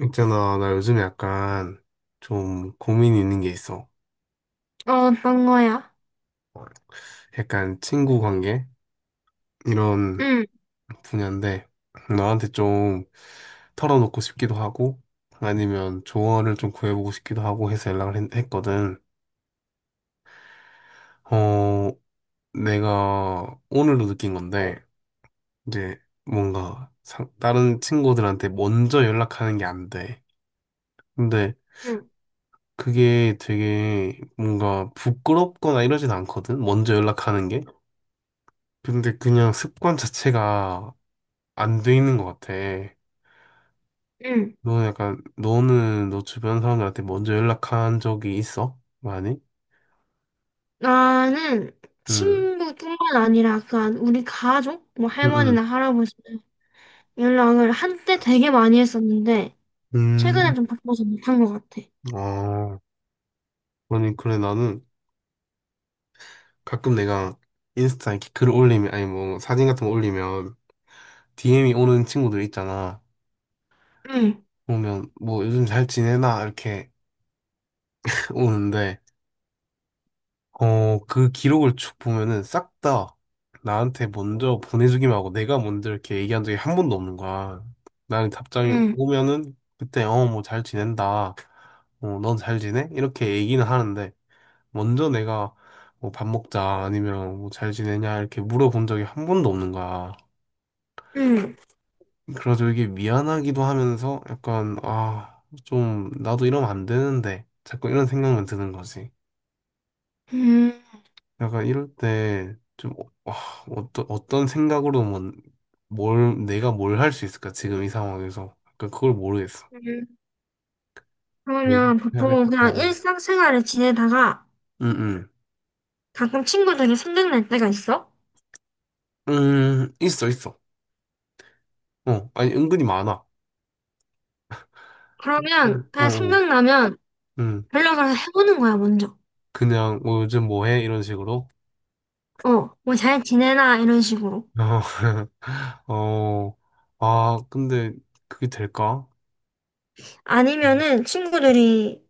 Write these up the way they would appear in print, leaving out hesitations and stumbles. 있잖아, 나 요즘에 약간 좀 고민이 있는 게 있어. 어, 어떤 거야? 약간 친구 관계? 이런 응, 분야인데, 너한테 좀 털어놓고 싶기도 하고, 아니면 조언을 좀 구해보고 싶기도 하고 해서 연락을 했거든. 어, 내가 오늘도 느낀 건데, 이제 뭔가 다른 친구들한테 먼저 연락하는 게 안 돼. 근데 응, 그게 되게 뭔가 부끄럽거나 이러진 않거든? 먼저 연락하는 게. 근데 그냥 습관 자체가 안 돼 있는 것 같아. 응. 너는 약간, 너는 너 주변 사람들한테 먼저 연락한 적이 있어? 많이? 나는 응, 친구뿐만 아니라 우리 가족, 뭐 응, 응. 할머니나 할아버지 연락을 한때 되게 많이 했었는데 음, 최근에 좀 바빠서 못한 것 같아. 아, 아니, 그래, 나는 가끔 내가 인스타 이렇게 글 올리면, 아니, 뭐, 사진 같은 거 올리면 DM이 오는 친구들 있잖아. 응, 보면, 뭐, 요즘 잘 지내나? 이렇게 오는데, 어, 그 기록을 쭉 보면은 싹 다 나한테 먼저 보내주기만 하고 내가 먼저 이렇게 얘기한 적이 한 번도 없는 거야. 나는 답장이 응, 오면은 그때 뭐 잘 지낸다. 어, 넌 잘 지내? 이렇게 얘기는 하는데 먼저 내가 뭐 밥 먹자 아니면 뭐 잘 지내냐 이렇게 물어본 적이 한 번도 없는 거야. 응, 그래서 이게 미안하기도 하면서 약간 아, 좀 나도 이러면 안 되는데 자꾸 이런 생각만 드는 거지. 응. 약간 이럴 때 좀 어떤 생각으로 뭐, 뭘 내가 뭘 할 수 있을까 지금 이 상황에서 약간 그걸 모르겠어. 응. 뭐 그러면 해야 보통 될까? 그냥 어, 어. 일상생활을 지내다가 응, 가끔 친구들이 생각날 때가 있어? 응, 있어 있어. 어 아니 은근히 많아. 어, 그러면 그냥 어. 생각나면 음 연락을 해보는 거야, 먼저. 그냥 뭐 요즘 뭐 해? 이런 식으로. 어, 뭐 잘 지내나 이런 식으로. 어, 어, 아 근데 그게 될까? 아니면은 친구들이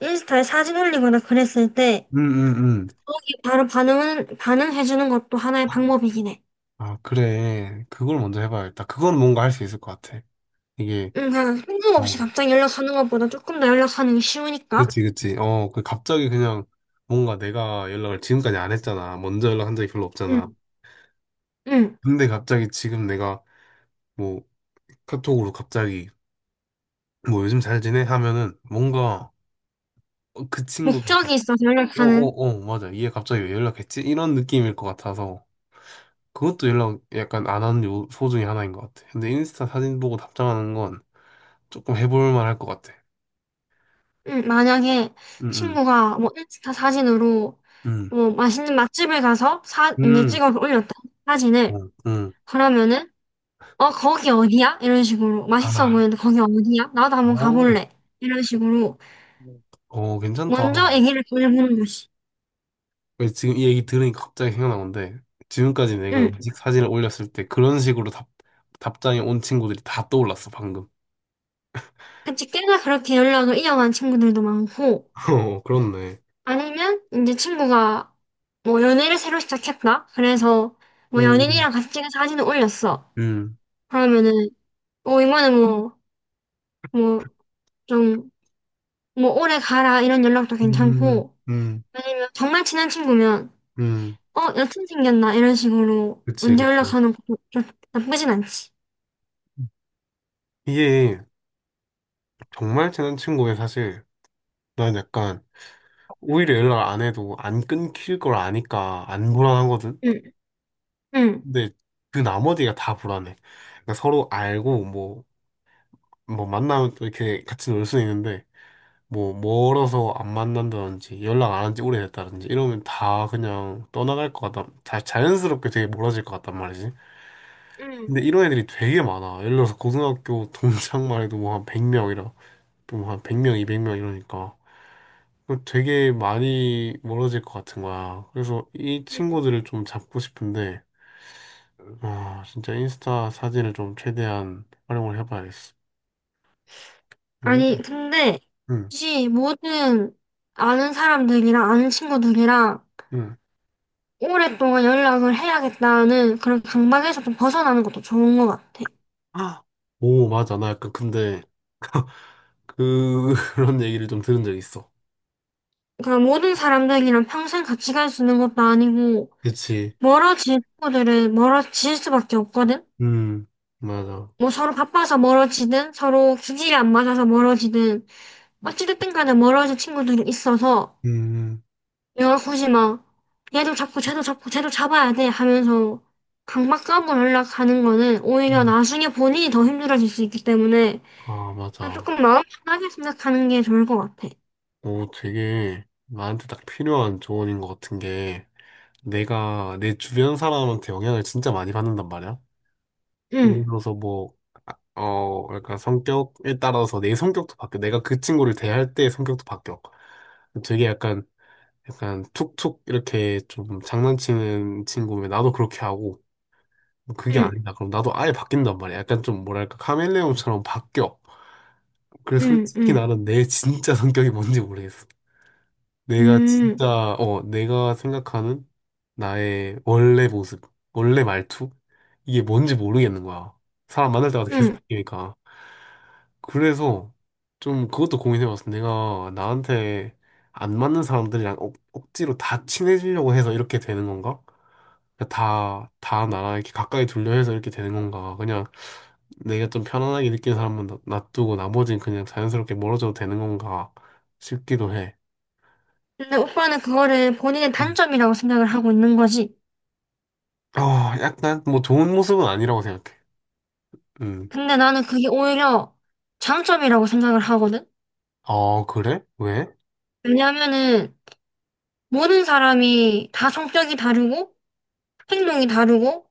인스타에 사진 올리거나 그랬을 때 응, 응, 응. 바로 반응해주는 것도 하나의 방법이긴 해. 아, 그래. 그걸 먼저 해봐야겠다. 그건 뭔가 할 수 있을 것 같아. 이게, 응, 그냥 생각 없이 어, 갑자기 연락하는 것보다 조금 더 연락하는 게 쉬우니까. 그치, 그치. 어, 그 갑자기 그냥 뭔가 내가 연락을 지금까지 안 했잖아. 먼저 연락한 적이 별로 응, 없잖아. 응. 근데 갑자기 지금 내가 뭐 카톡으로 갑자기 뭐 요즘 잘 지내? 하면은 뭔가 어, 그 친구들, 목적이 있어서 어, 어, 연락하는. 어, 맞아. 얘 갑자기 왜 연락했지? 이런 느낌일 것 같아서 그것도 연락 약간 안 하는 요소 중에 하나인 것 같아. 근데 인스타 사진 보고 답장하는 건 조금 해볼 만할 것 같아. 응, 만약에 응, 친구가 뭐 인스타 사진으로 응, 응, 뭐 맛있는 맛집을 가서 이제 응, 찍어서 올렸다. 사진을. 어, 응. 그러면은, 어, 거기 어디야? 이런 식으로. 맛있어 아, 보이는데 거기 어디야? 나도 한번 오, 가볼래. 이런 식으로. 어, 괜찮다. 먼저 애기를 보내보는 것이. 왜 지금 이 얘기 들으니까 갑자기 생각난 건데 지금까지 내가 응. 음식 사진을 올렸을 때 그런 식으로 답 답장이 온 친구들이 다 떠올랐어 방금. 그치, 꽤나 그렇게 연락을 이어간 친구들도 많고, 어 그렇네. 아니면 이제 친구가 뭐 연애를 새로 시작했다? 그래서 뭐 음, 연인이랑 같이 찍은 사진을 올렸어. 음, 그러면은, 뭐 이거는 뭐, 뭐, 좀, 뭐 오래 가라 이런 연락도 음, 괜찮고, 음, 정말 친한 친구면, 음. 어, 여친 생겼나? 이런 식으로 그치, 문제 그치. 연락하는 것도 좀 나쁘진 않지. 이게 정말 친한 친구에 사실 난 약간 오히려 연락 안 해도 안 끊길 걸 아니까 안 불안하거든. 응, 응, 근데 그 나머지가 다 불안해. 그러니까 서로 알고 뭐 만나면 또 이렇게 같이 놀 수는 있는데. 뭐 멀어서 안 만난다든지 연락 안 한지 오래됐다든지 이러면 다 그냥 떠나갈 것 같다. 다 자연스럽게 되게 멀어질 것 같단 말이지. 응, 근데 이런 애들이 되게 많아. 예를 들어서 고등학교 동창만 해도 뭐 한 100명이라 또한 100명, 200명 이러니까 그럼 되게 많이 멀어질 것 같은 거야. 그래서 이 응. 친구들을 좀 잡고 싶은데 아 진짜 인스타 사진을 좀 최대한 활용을 해봐야겠어. 응, 아니, 근데 응, 혹시 모든 아는 사람들이랑 아는 친구들이랑 응. 오랫동안 연락을 해야겠다는 그런 강박에서 좀 벗어나는 것도 좋은 것 같아. 아, 오 맞아. 나 약간 근데 그, 그런 얘기를 좀 들은 적 있어. 그러니까 모든 사람들이랑 평생 같이 갈 수 있는 것도 아니고 그치. 멀어질 친구들은 멀어질 수밖에 없거든. 음, 맞아. 뭐 서로 바빠서 멀어지든 서로 기질이 안 맞아서 멀어지든 어찌됐든 간에 멀어질 친구들이 있어서 음, 내가 굳이 막 얘도 잡고 쟤도 잡고 쟤도 잡아야 돼 하면서 강박 싸움을 하려고 하는 거는 오히려 음. 나중에 본인이 더 힘들어질 수 있기 때문에 아, 그냥 맞아. 조금 마음 편하게 생각하는 게 좋을 것 같아. 오, 되게 나한테 딱 필요한 조언인 것 같은 게 내가 내 주변 사람한테 영향을 진짜 많이 받는단 말이야. 예를 응, 들어서 뭐, 어, 약간 성격에 따라서 내 성격도 바뀌어. 내가 그 친구를 대할 때 성격도 바뀌어. 되게 약간, 약간 툭툭 이렇게 좀 장난치는 친구면 나도 그렇게 하고 뭐 그게 응, 아니다. 그럼 나도 아예 바뀐단 말이야. 약간 좀 뭐랄까 카멜레온처럼 바뀌어. 그래서 응, 솔직히 응, 나는 내 진짜 성격이 뭔지 모르겠어. 내가 응, 진짜 어 내가 생각하는 나의 원래 모습, 원래 말투 이게 뭔지 모르겠는 거야. 사람 만날 때마다 계속 응. 바뀌니까. 그래서 좀 그것도 고민해봤어. 내가 나한테 안 맞는 사람들이랑 억지로 다 친해지려고 해서 이렇게 되는 건가? 그러니까 다 나랑 이렇게 가까이 둘려해서 이렇게 되는 건가. 그냥 내가 좀 편안하게 느끼는 사람만 놔두고 나머지는 그냥 자연스럽게 멀어져도 되는 건가 싶기도 해. 근데 오빠는 그거를 본인의 음. 단점이라고 생각을 하고 있는 거지. 어, 약간 뭐 좋은 모습은 아니라고 생각해. 음. 근데 나는 그게 오히려 장점이라고 생각을 하거든. 아, 그래? 왜? 왜냐하면은 모든 사람이 다 성격이 다르고 행동이 다르고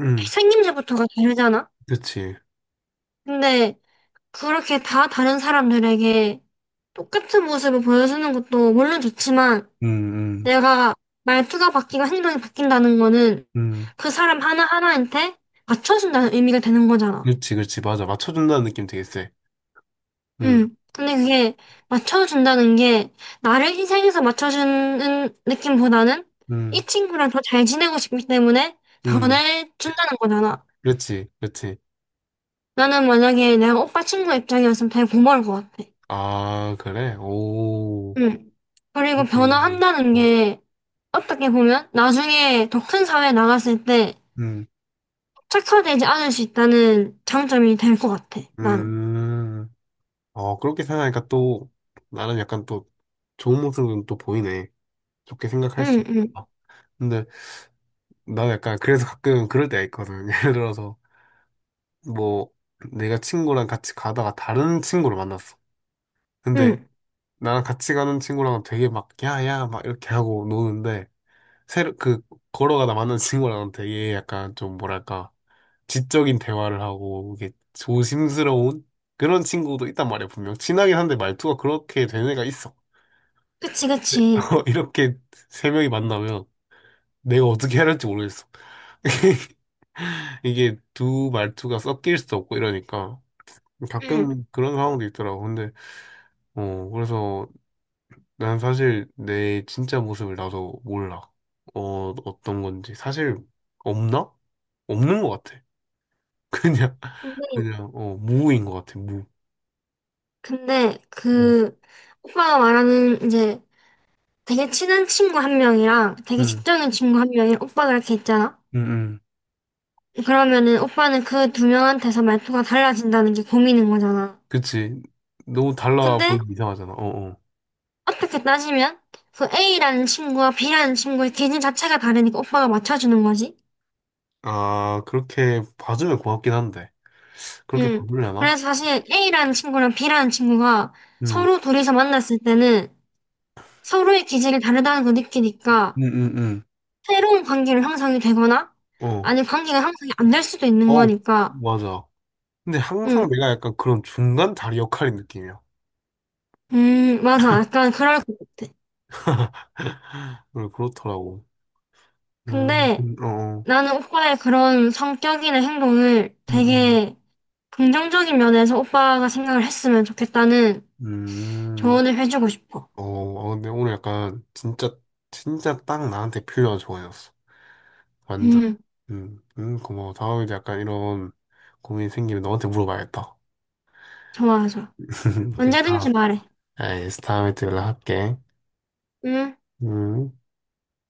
음, 생김새부터가 다르잖아. 그치. 근데 그렇게 다 다른 사람들에게 똑같은 모습을 보여주는 것도 물론 좋지만 음, 음, 내가 말투가 바뀌고 행동이 바뀐다는 거는 음. 그 사람 하나하나한테 맞춰준다는 의미가 되는 거잖아. 그치, 그치. 맞아. 맞춰준다는 느낌 되게 세. 음, 응. 근데 그게 맞춰준다는 게 나를 희생해서 맞춰주는 느낌보다는 음, 이 친구랑 더 잘 지내고 싶기 때문에 음. 변해준다는 거잖아. 그치, 그치. 나는 만약에 내가 오빠 친구 입장이었으면 되게 고마울 것 같아. 아, 그래? 오, 음. 그리고 그렇게. 변화한다는 게 어떻게 보면 나중에 더 큰 사회에 나갔을 때 음, 착처되지 않을 수 있다는 장점이 될 것 같아, 난. 음. 어, 그렇게 생각하니까 또 나는 약간 또 좋은 모습은 또 보이네. 좋게 생각할 수 응, 응, 있다. 근데 나는 약간 그래서 가끔 그럴 때가 있거든. 예를 들어서 뭐 내가 친구랑 같이 가다가 다른 친구를 만났어. 근데 응. 나랑 같이 가는 친구랑 되게 막 야야 막 이렇게 하고 노는데 새로 그 걸어가다 만난 친구랑 되게 약간 좀 뭐랄까 지적인 대화를 하고 이게 조심스러운 그런 친구도 있단 말이야 분명. 친하긴 한데 말투가 그렇게 되는 애가 있어. 그치, 네, 그치. 이렇게 세 명이 만나면 내가 어떻게 해야 할지 모르겠어. 이게 두 말투가 섞일 수도 없고 이러니까 응. 가끔 그런 상황도 있더라고. 근데 어 그래서 난 사실 내 진짜 모습을 나도 몰라. 어 어떤 건지 사실 없나? 없는 것 같아. 그냥 근데, 그냥 어 무인 것 같아. 무. 근데 음. 그 오빠가 말하는 이제 되게 친한 친구 한 명이랑 되게 음. 직적인 친구 한 명이 오빠가 이렇게 있잖아? 음. 음. 그러면은 오빠는 그 두 명한테서 말투가 달라진다는 게 고민인 거잖아. 그치. 너무 달라 근데 보이면 이상하잖아. 어 어. 어떻게 따지면 그 A라는 친구와 B라는 친구의 기질 자체가 다르니까 오빠가 맞춰주는 거지. 아 그렇게 봐주면 고맙긴 한데. 그렇게 응. 바꾸려나? 그래서 사실 A라는 친구랑 B라는 친구가 음, 서로 둘이서 만났을 때는 서로의 기질이 다르다는 걸 느끼니까 음, 음, 새로운 관계를 형성이 되거나 어, 아니면 관계가 형성이 안 될 수도 있는 어, 거니까. 맞아. 근데 항상 응. 내가 약간 그런 중간 다리 역할인 느낌이야. 맞아. 약간 그럴 것 같아. 그래, 그렇더라고. 근데 어, 어. 나는 오빠의 그런 성격이나 행동을 음, 음. 되게 긍정적인 면에서 오빠가 생각을 했으면 좋겠다는 음. 조언을 해주고 싶어. 어, 어, 근데 오늘 약간 진짜, 진짜 딱 나한테 필요한 조언이었어. 완전. 응, 고마워. 다음에도 약간 이런 고민이 생기면 너한테 물어봐야겠다. 좋아서. 그래서 다음, 언제든지 말해. 알겠어. 다음에 또 연락할게. 응. 음.